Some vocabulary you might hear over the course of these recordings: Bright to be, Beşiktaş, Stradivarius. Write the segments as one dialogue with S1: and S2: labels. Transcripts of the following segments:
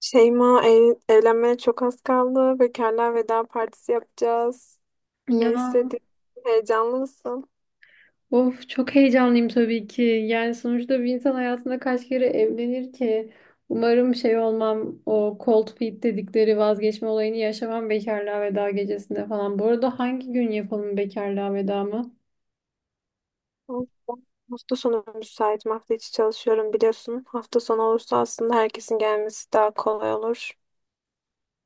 S1: Şeyma ev, evlenmeye çok az kaldı. Bekarlar veda partisi yapacağız. Ne
S2: Ya
S1: istedin? Heyecanlı mısın?
S2: of çok heyecanlıyım tabii ki. Yani sonuçta bir insan hayatında kaç kere evlenir ki? Umarım şey olmam, o cold feet dedikleri vazgeçme olayını yaşamam bekarlığa veda gecesinde falan. Bu arada hangi gün yapalım bekarlığa veda mı?
S1: Hafta hafta sonu müsaitim. Hafta içi çalışıyorum biliyorsun. Hafta sonu olursa aslında herkesin gelmesi daha kolay olur.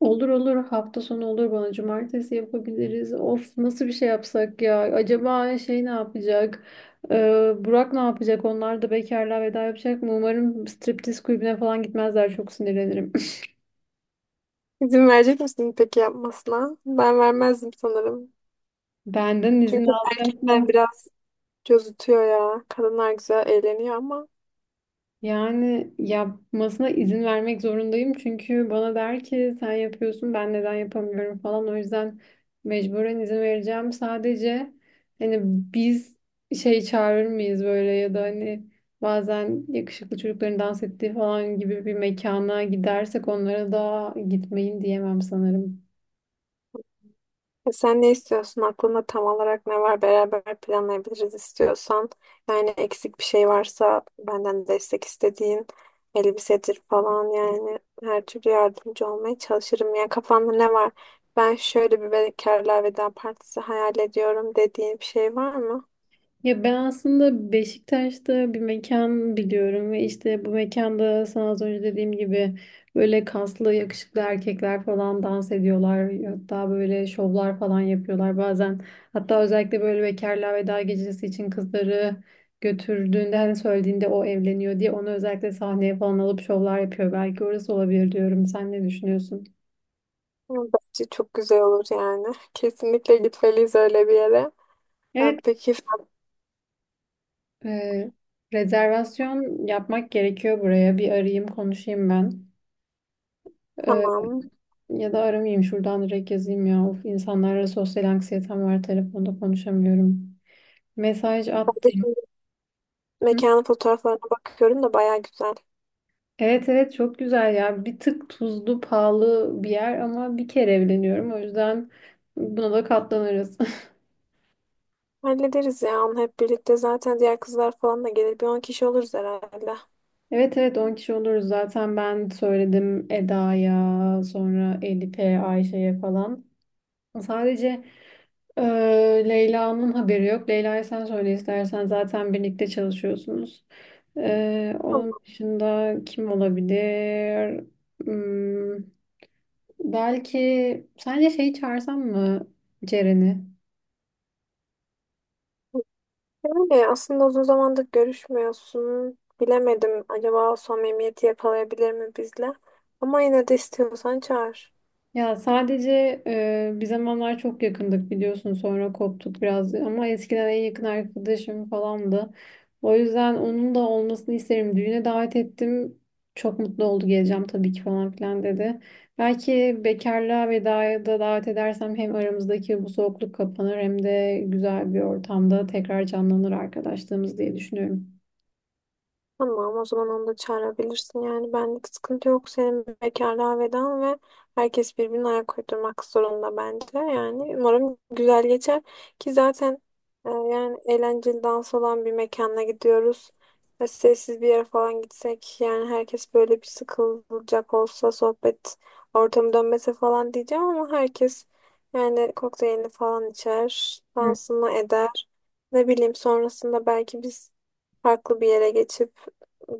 S2: Olur olur, hafta sonu olur, bana cumartesi yapabiliriz. Of, nasıl bir şey yapsak ya? Acaba şey ne yapacak? Burak ne yapacak? Onlar da bekarlığa veda yapacak mı? Umarım striptiz kulübüne falan gitmezler, çok sinirlenirim.
S1: İzin verecek misin peki yapmasına? Ben vermezdim sanırım.
S2: Benden izin
S1: Çünkü
S2: alacak mı?
S1: erkekler biraz cozutuyor ya. Kadınlar güzel eğleniyor ama.
S2: Yani yapmasına izin vermek zorundayım, çünkü bana der ki sen yapıyorsun ben neden yapamıyorum falan, o yüzden mecburen izin vereceğim. Sadece hani biz şey çağırır mıyız böyle, ya da hani bazen yakışıklı çocukların dans ettiği falan gibi bir mekana gidersek onlara da gitmeyin diyemem sanırım.
S1: Sen ne istiyorsun? Aklında tam olarak ne var? Beraber planlayabiliriz istiyorsan. Yani eksik bir şey varsa benden destek istediğin elbisedir falan, yani her türlü yardımcı olmaya çalışırım. Yani kafanda ne var? Ben şöyle bir bekarlığa veda partisi hayal ediyorum dediğin bir şey var mı?
S2: Ya ben aslında Beşiktaş'ta bir mekan biliyorum ve işte bu mekanda sana az önce dediğim gibi böyle kaslı yakışıklı erkekler falan dans ediyorlar. Hatta böyle şovlar falan yapıyorlar bazen. Hatta özellikle böyle bekarlığa veda gecesi için kızları götürdüğünde, hani söylediğinde o evleniyor diye, onu özellikle sahneye falan alıp şovlar yapıyor. Belki orası olabilir diyorum. Sen ne düşünüyorsun?
S1: Bence çok güzel olur yani. Kesinlikle gitmeliyiz öyle bir yere. Ha,
S2: Evet,
S1: peki
S2: e, rezervasyon yapmak gerekiyor buraya. Bir arayayım konuşayım ben.
S1: tamam.
S2: Ya da aramayayım, şuradan direkt yazayım ya. Of, insanlarla sosyal anksiyetem var. Telefonda konuşamıyorum. Mesaj
S1: Ben de
S2: attım.
S1: şimdi
S2: Hı?
S1: mekanın fotoğraflarına bakıyorum da baya güzel.
S2: Evet, evet, çok güzel ya. Bir tık tuzlu pahalı bir yer ama bir kere evleniyorum. O yüzden buna da katlanırız.
S1: Hallederiz ya onu hep birlikte. Zaten diğer kızlar falan da gelir. Bir 10 kişi oluruz herhalde.
S2: Evet, evet, 10 kişi oluruz zaten, ben söyledim Eda'ya, sonra Elif'e, Ayşe'ye falan. Sadece Leyla'nın haberi yok. Leyla'ya sen söyle istersen, zaten birlikte çalışıyorsunuz. Onun
S1: Tamam.
S2: dışında kim olabilir? Hmm, belki sence şeyi çağırsam mı, Ceren'i?
S1: Öyle aslında uzun zamandır görüşmüyorsun. Bilemedim, acaba o samimiyeti yakalayabilir mi bizle? Ama yine de istiyorsan çağır.
S2: Ya sadece bir zamanlar çok yakındık biliyorsun, sonra koptuk biraz ama eskiden en yakın arkadaşım falandı. O yüzden onun da olmasını isterim. Düğüne davet ettim. Çok mutlu oldu, geleceğim tabii ki falan filan dedi. Belki bekarlığa vedaya da davet edersem hem aramızdaki bu soğukluk kapanır hem de güzel bir ortamda tekrar canlanır arkadaşlığımız diye düşünüyorum.
S1: Tamam, o zaman onu da çağırabilirsin. Yani benlik sıkıntı yok. Senin bekarlığa vedan ve herkes birbirine ayak uydurmak zorunda bence. Yani umarım güzel geçer ki zaten yani eğlenceli dans olan bir mekana gidiyoruz. Ve sessiz bir yere falan gitsek yani herkes böyle bir sıkılacak olsa sohbet ortamı dönmese falan diyeceğim, ama herkes yani kokteylini falan içer, dansını eder. Ne bileyim, sonrasında belki biz farklı bir yere geçip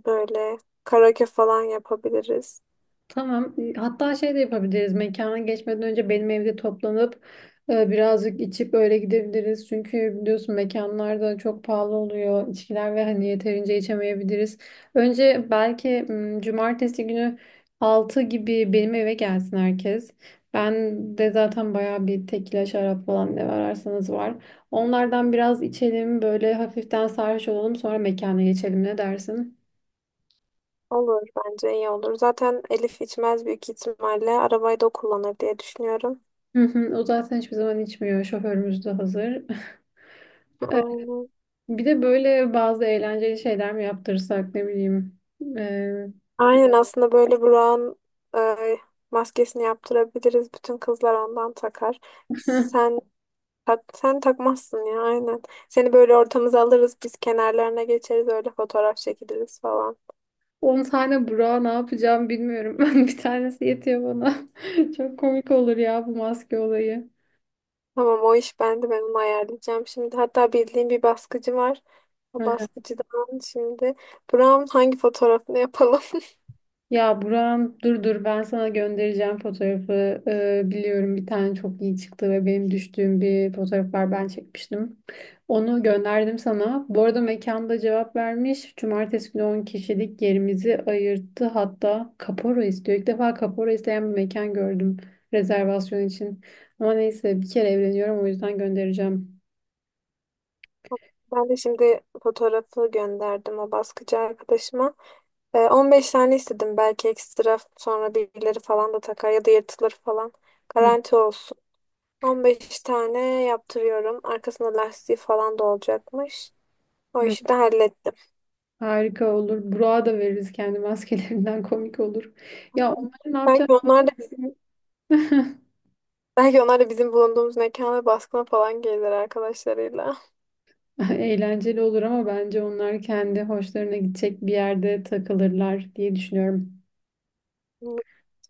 S1: böyle karaoke falan yapabiliriz.
S2: Tamam. E, hatta şey de yapabiliriz. Mekana geçmeden önce benim evde toplanıp birazcık içip öyle gidebiliriz. Çünkü biliyorsun mekanlar da çok pahalı oluyor, içkiler, ve hani yeterince içemeyebiliriz. Önce belki cumartesi günü 6 gibi benim eve gelsin herkes. Ben de zaten bayağı bir tekila, şarap falan, ne ararsanız var. Onlardan biraz içelim, böyle hafiften sarhoş olalım, sonra mekana geçelim, ne dersin?
S1: Olur, bence iyi olur. Zaten Elif içmez büyük ihtimalle. Arabayı da o kullanır diye düşünüyorum.
S2: Hı hı, o zaten hiçbir zaman içmiyor. Şoförümüz de hazır. Evet,
S1: Aynen.
S2: bir de böyle bazı eğlenceli şeyler mi yaptırsak, ne bileyim. Ee,
S1: Aynen, aslında böyle Burak'ın e, maskesini yaptırabiliriz. Bütün kızlar ondan takar. Sen tak, sen takmazsın ya, aynen. Seni böyle ortamıza alırız. Biz kenarlarına geçeriz. Öyle fotoğraf çekiliriz falan.
S2: 10 tane Burak'a ne yapacağım bilmiyorum. Bir tanesi yetiyor bana. Çok komik olur ya bu maske olayı.
S1: Tamam, o iş bende, ben onu ayarlayacağım şimdi. Hatta bildiğim bir baskıcı var. O baskıcıdan şimdi Brown hangi fotoğrafını yapalım?
S2: Ya Buram, dur dur, ben sana göndereceğim fotoğrafı. Biliyorum bir tane çok iyi çıktı, ve benim düştüğüm bir fotoğraf var, ben çekmiştim. Onu gönderdim sana. Bu arada mekanda cevap vermiş. Cumartesi günü 10 kişilik yerimizi ayırttı. Hatta kapora istiyor. İlk defa kapora isteyen bir mekan gördüm rezervasyon için. Ama neyse, bir kere evleniyorum, o yüzden göndereceğim.
S1: Ben de şimdi fotoğrafı gönderdim o baskıcı arkadaşıma. 15 tane istedim, belki ekstra, sonra birileri falan da takar ya da yırtılır falan.
S2: Hı,
S1: Garanti olsun. 15 tane yaptırıyorum. Arkasında lastiği falan da olacakmış. O
S2: hı.
S1: işi de hallettim.
S2: Harika olur. Burak'a da veririz kendi maskelerinden, komik olur. Ya onları ne yapacağız?
S1: Belki onlar da bizim Belki onlar da bizim bulunduğumuz mekana baskına falan gelirler arkadaşlarıyla.
S2: Eğlenceli olur ama bence onlar kendi hoşlarına gidecek bir yerde takılırlar diye düşünüyorum.
S1: Hı,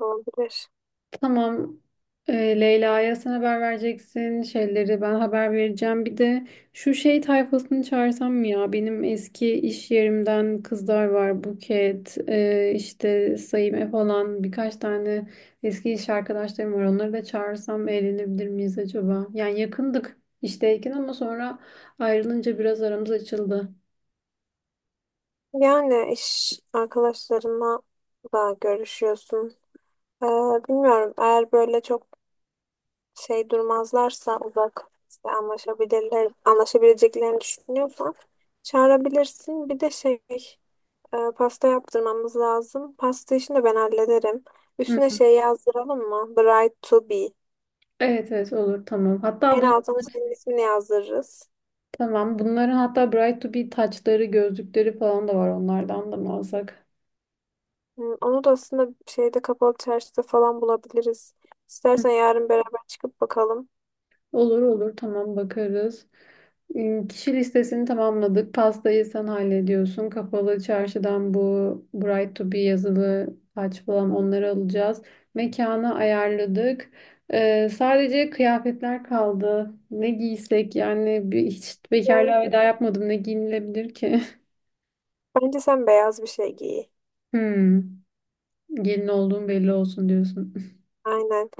S1: olabilir.
S2: Tamam. Ee, Leyla'ya sen haber vereceksin. Şeyleri ben haber vereceğim. Bir de şu şey tayfasını çağırsam mı ya? Benim eski iş yerimden kızlar var. Buket, işte Saime falan, birkaç tane eski iş arkadaşlarım var. Onları da çağırsam eğlenebilir miyiz acaba? Yani yakındık işteyken ama sonra ayrılınca biraz aramız açıldı.
S1: Yani iş arkadaşlarına da görüşüyorsun. Ee, Bilmiyorum, eğer böyle çok şey durmazlarsa uzak, işte anlaşabilirler, anlaşabileceklerini düşünüyorsan çağırabilirsin. Bir de şey, pasta yaptırmamız lazım. Pasta işini de ben hallederim. Üstüne şey yazdıralım mı? Bride to be.
S2: Evet, evet, olur tamam. Hatta
S1: En
S2: bunu
S1: altına senin ismini yazdırırız.
S2: tamam. Bunların hatta Bright to be taçları, gözlükleri falan da var, onlardan da mı alsak?
S1: Hı, onu da aslında şeyde, kapalı çarşıda falan bulabiliriz.
S2: Hı.
S1: İstersen yarın beraber çıkıp bakalım.
S2: Olur olur tamam, bakarız. Kişi listesini tamamladık. Pastayı sen hallediyorsun. Kapalı çarşıdan bu Bright to be yazılı taç falan, onları alacağız. Mekanı ayarladık. Sadece kıyafetler kaldı. Ne giysek yani, bir, hiç
S1: Evet.
S2: bekarlığa veda yapmadım. Ne giyinilebilir ki?
S1: Bence sen beyaz bir şey giy.
S2: Hmm. Gelin olduğum belli olsun diyorsun.
S1: Aynen.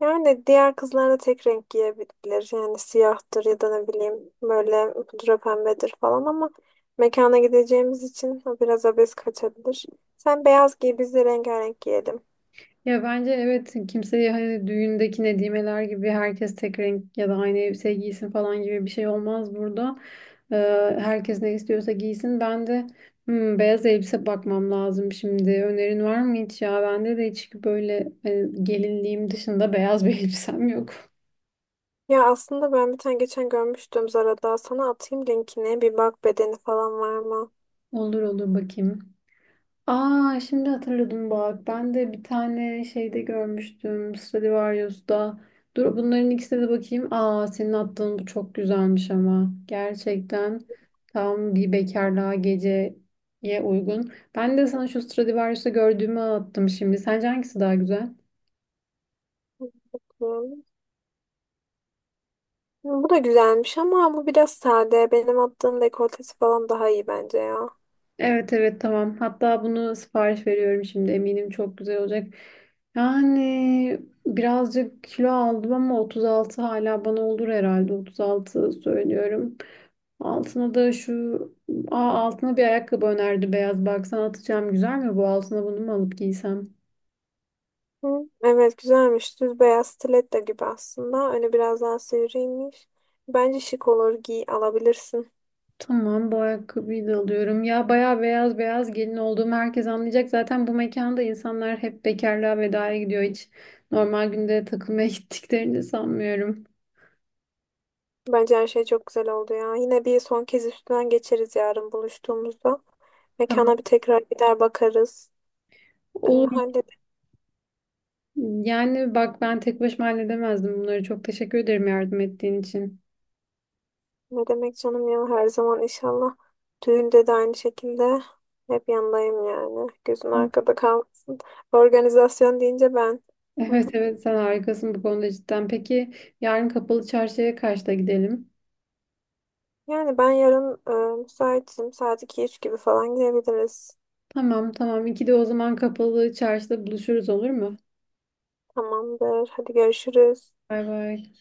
S1: Yani diğer kızlar da tek renk giyebilir. Yani siyahtır ya da ne bileyim böyle pudra pembedir falan, ama mekana gideceğimiz için o biraz abes kaçabilir. Sen beyaz giy, biz de rengarenk giyelim.
S2: Ya bence evet, kimseye hani düğündeki nedimeler gibi herkes tek renk ya da aynı elbise giysin falan gibi bir şey olmaz burada. Ee, Herkes ne istiyorsa giysin. Ben de hmm, beyaz elbise bakmam lazım şimdi. Önerin var mı hiç ya? Bende de hiç böyle gelinliğim dışında beyaz bir elbisem yok.
S1: Ya aslında ben bir tane geçen görmüştüm Zara'da. Sana atayım linkini. Bir bak, bedeni falan var
S2: Olur olur, bakayım. Aa şimdi hatırladım bak. Ben de bir tane şeyde görmüştüm. Stradivarius'ta. Dur bunların ikisine de bakayım. Aa senin attığın bu çok güzelmiş ama. Gerçekten tam bir bekarlığa geceye uygun. Ben de sana şu Stradivarius'ta gördüğümü attım şimdi. Sence hangisi daha güzel?
S1: mı? Bu da güzelmiş ama bu biraz sade. Benim attığım dekoltesi falan daha iyi bence ya.
S2: Evet, evet, tamam. Hatta bunu sipariş veriyorum şimdi. Eminim çok güzel olacak. Yani birazcık kilo aldım ama 36 hala bana olur herhalde. 36 söylüyorum. Altına da şu, aa, altına bir ayakkabı önerdi, beyaz. Baksana atacağım, güzel mi bu, altına bunu mu alıp giysem?
S1: Hı. Evet, güzelmiş. Düz beyaz stiletto gibi aslında. Öne biraz daha sivriymiş. Bence şık olur. Giy, alabilirsin.
S2: Tamam, bu ayakkabıyı da alıyorum. Ya bayağı beyaz beyaz, gelin olduğumu herkes anlayacak. Zaten bu mekanda insanlar hep bekarlığa vedaya gidiyor. Hiç normal günde takılmaya gittiklerini sanmıyorum.
S1: Bence her şey çok güzel oldu ya. Yine bir son kez üstünden geçeriz yarın buluştuğumuzda.
S2: Tamam,
S1: Mekana bir tekrar gider bakarız. Ee,
S2: olur. Yani bak, ben tek başıma halledemezdim bunları. Çok teşekkür ederim yardım ettiğin için.
S1: Ne demek canım ya, her zaman inşallah. Düğünde de aynı şekilde hep yanındayım yani. Gözün arkada kalmasın. Organizasyon deyince ben.
S2: Evet evet, sen harikasın bu konuda cidden. Peki yarın kapalı çarşıya kaçta gidelim?
S1: Yani ben yarın müsaitim. Saat iki üç gibi falan gidebiliriz.
S2: Tamam tamam. İkide o zaman kapalı çarşıda buluşuruz, olur mu?
S1: Tamamdır. Hadi görüşürüz.
S2: Bay bay.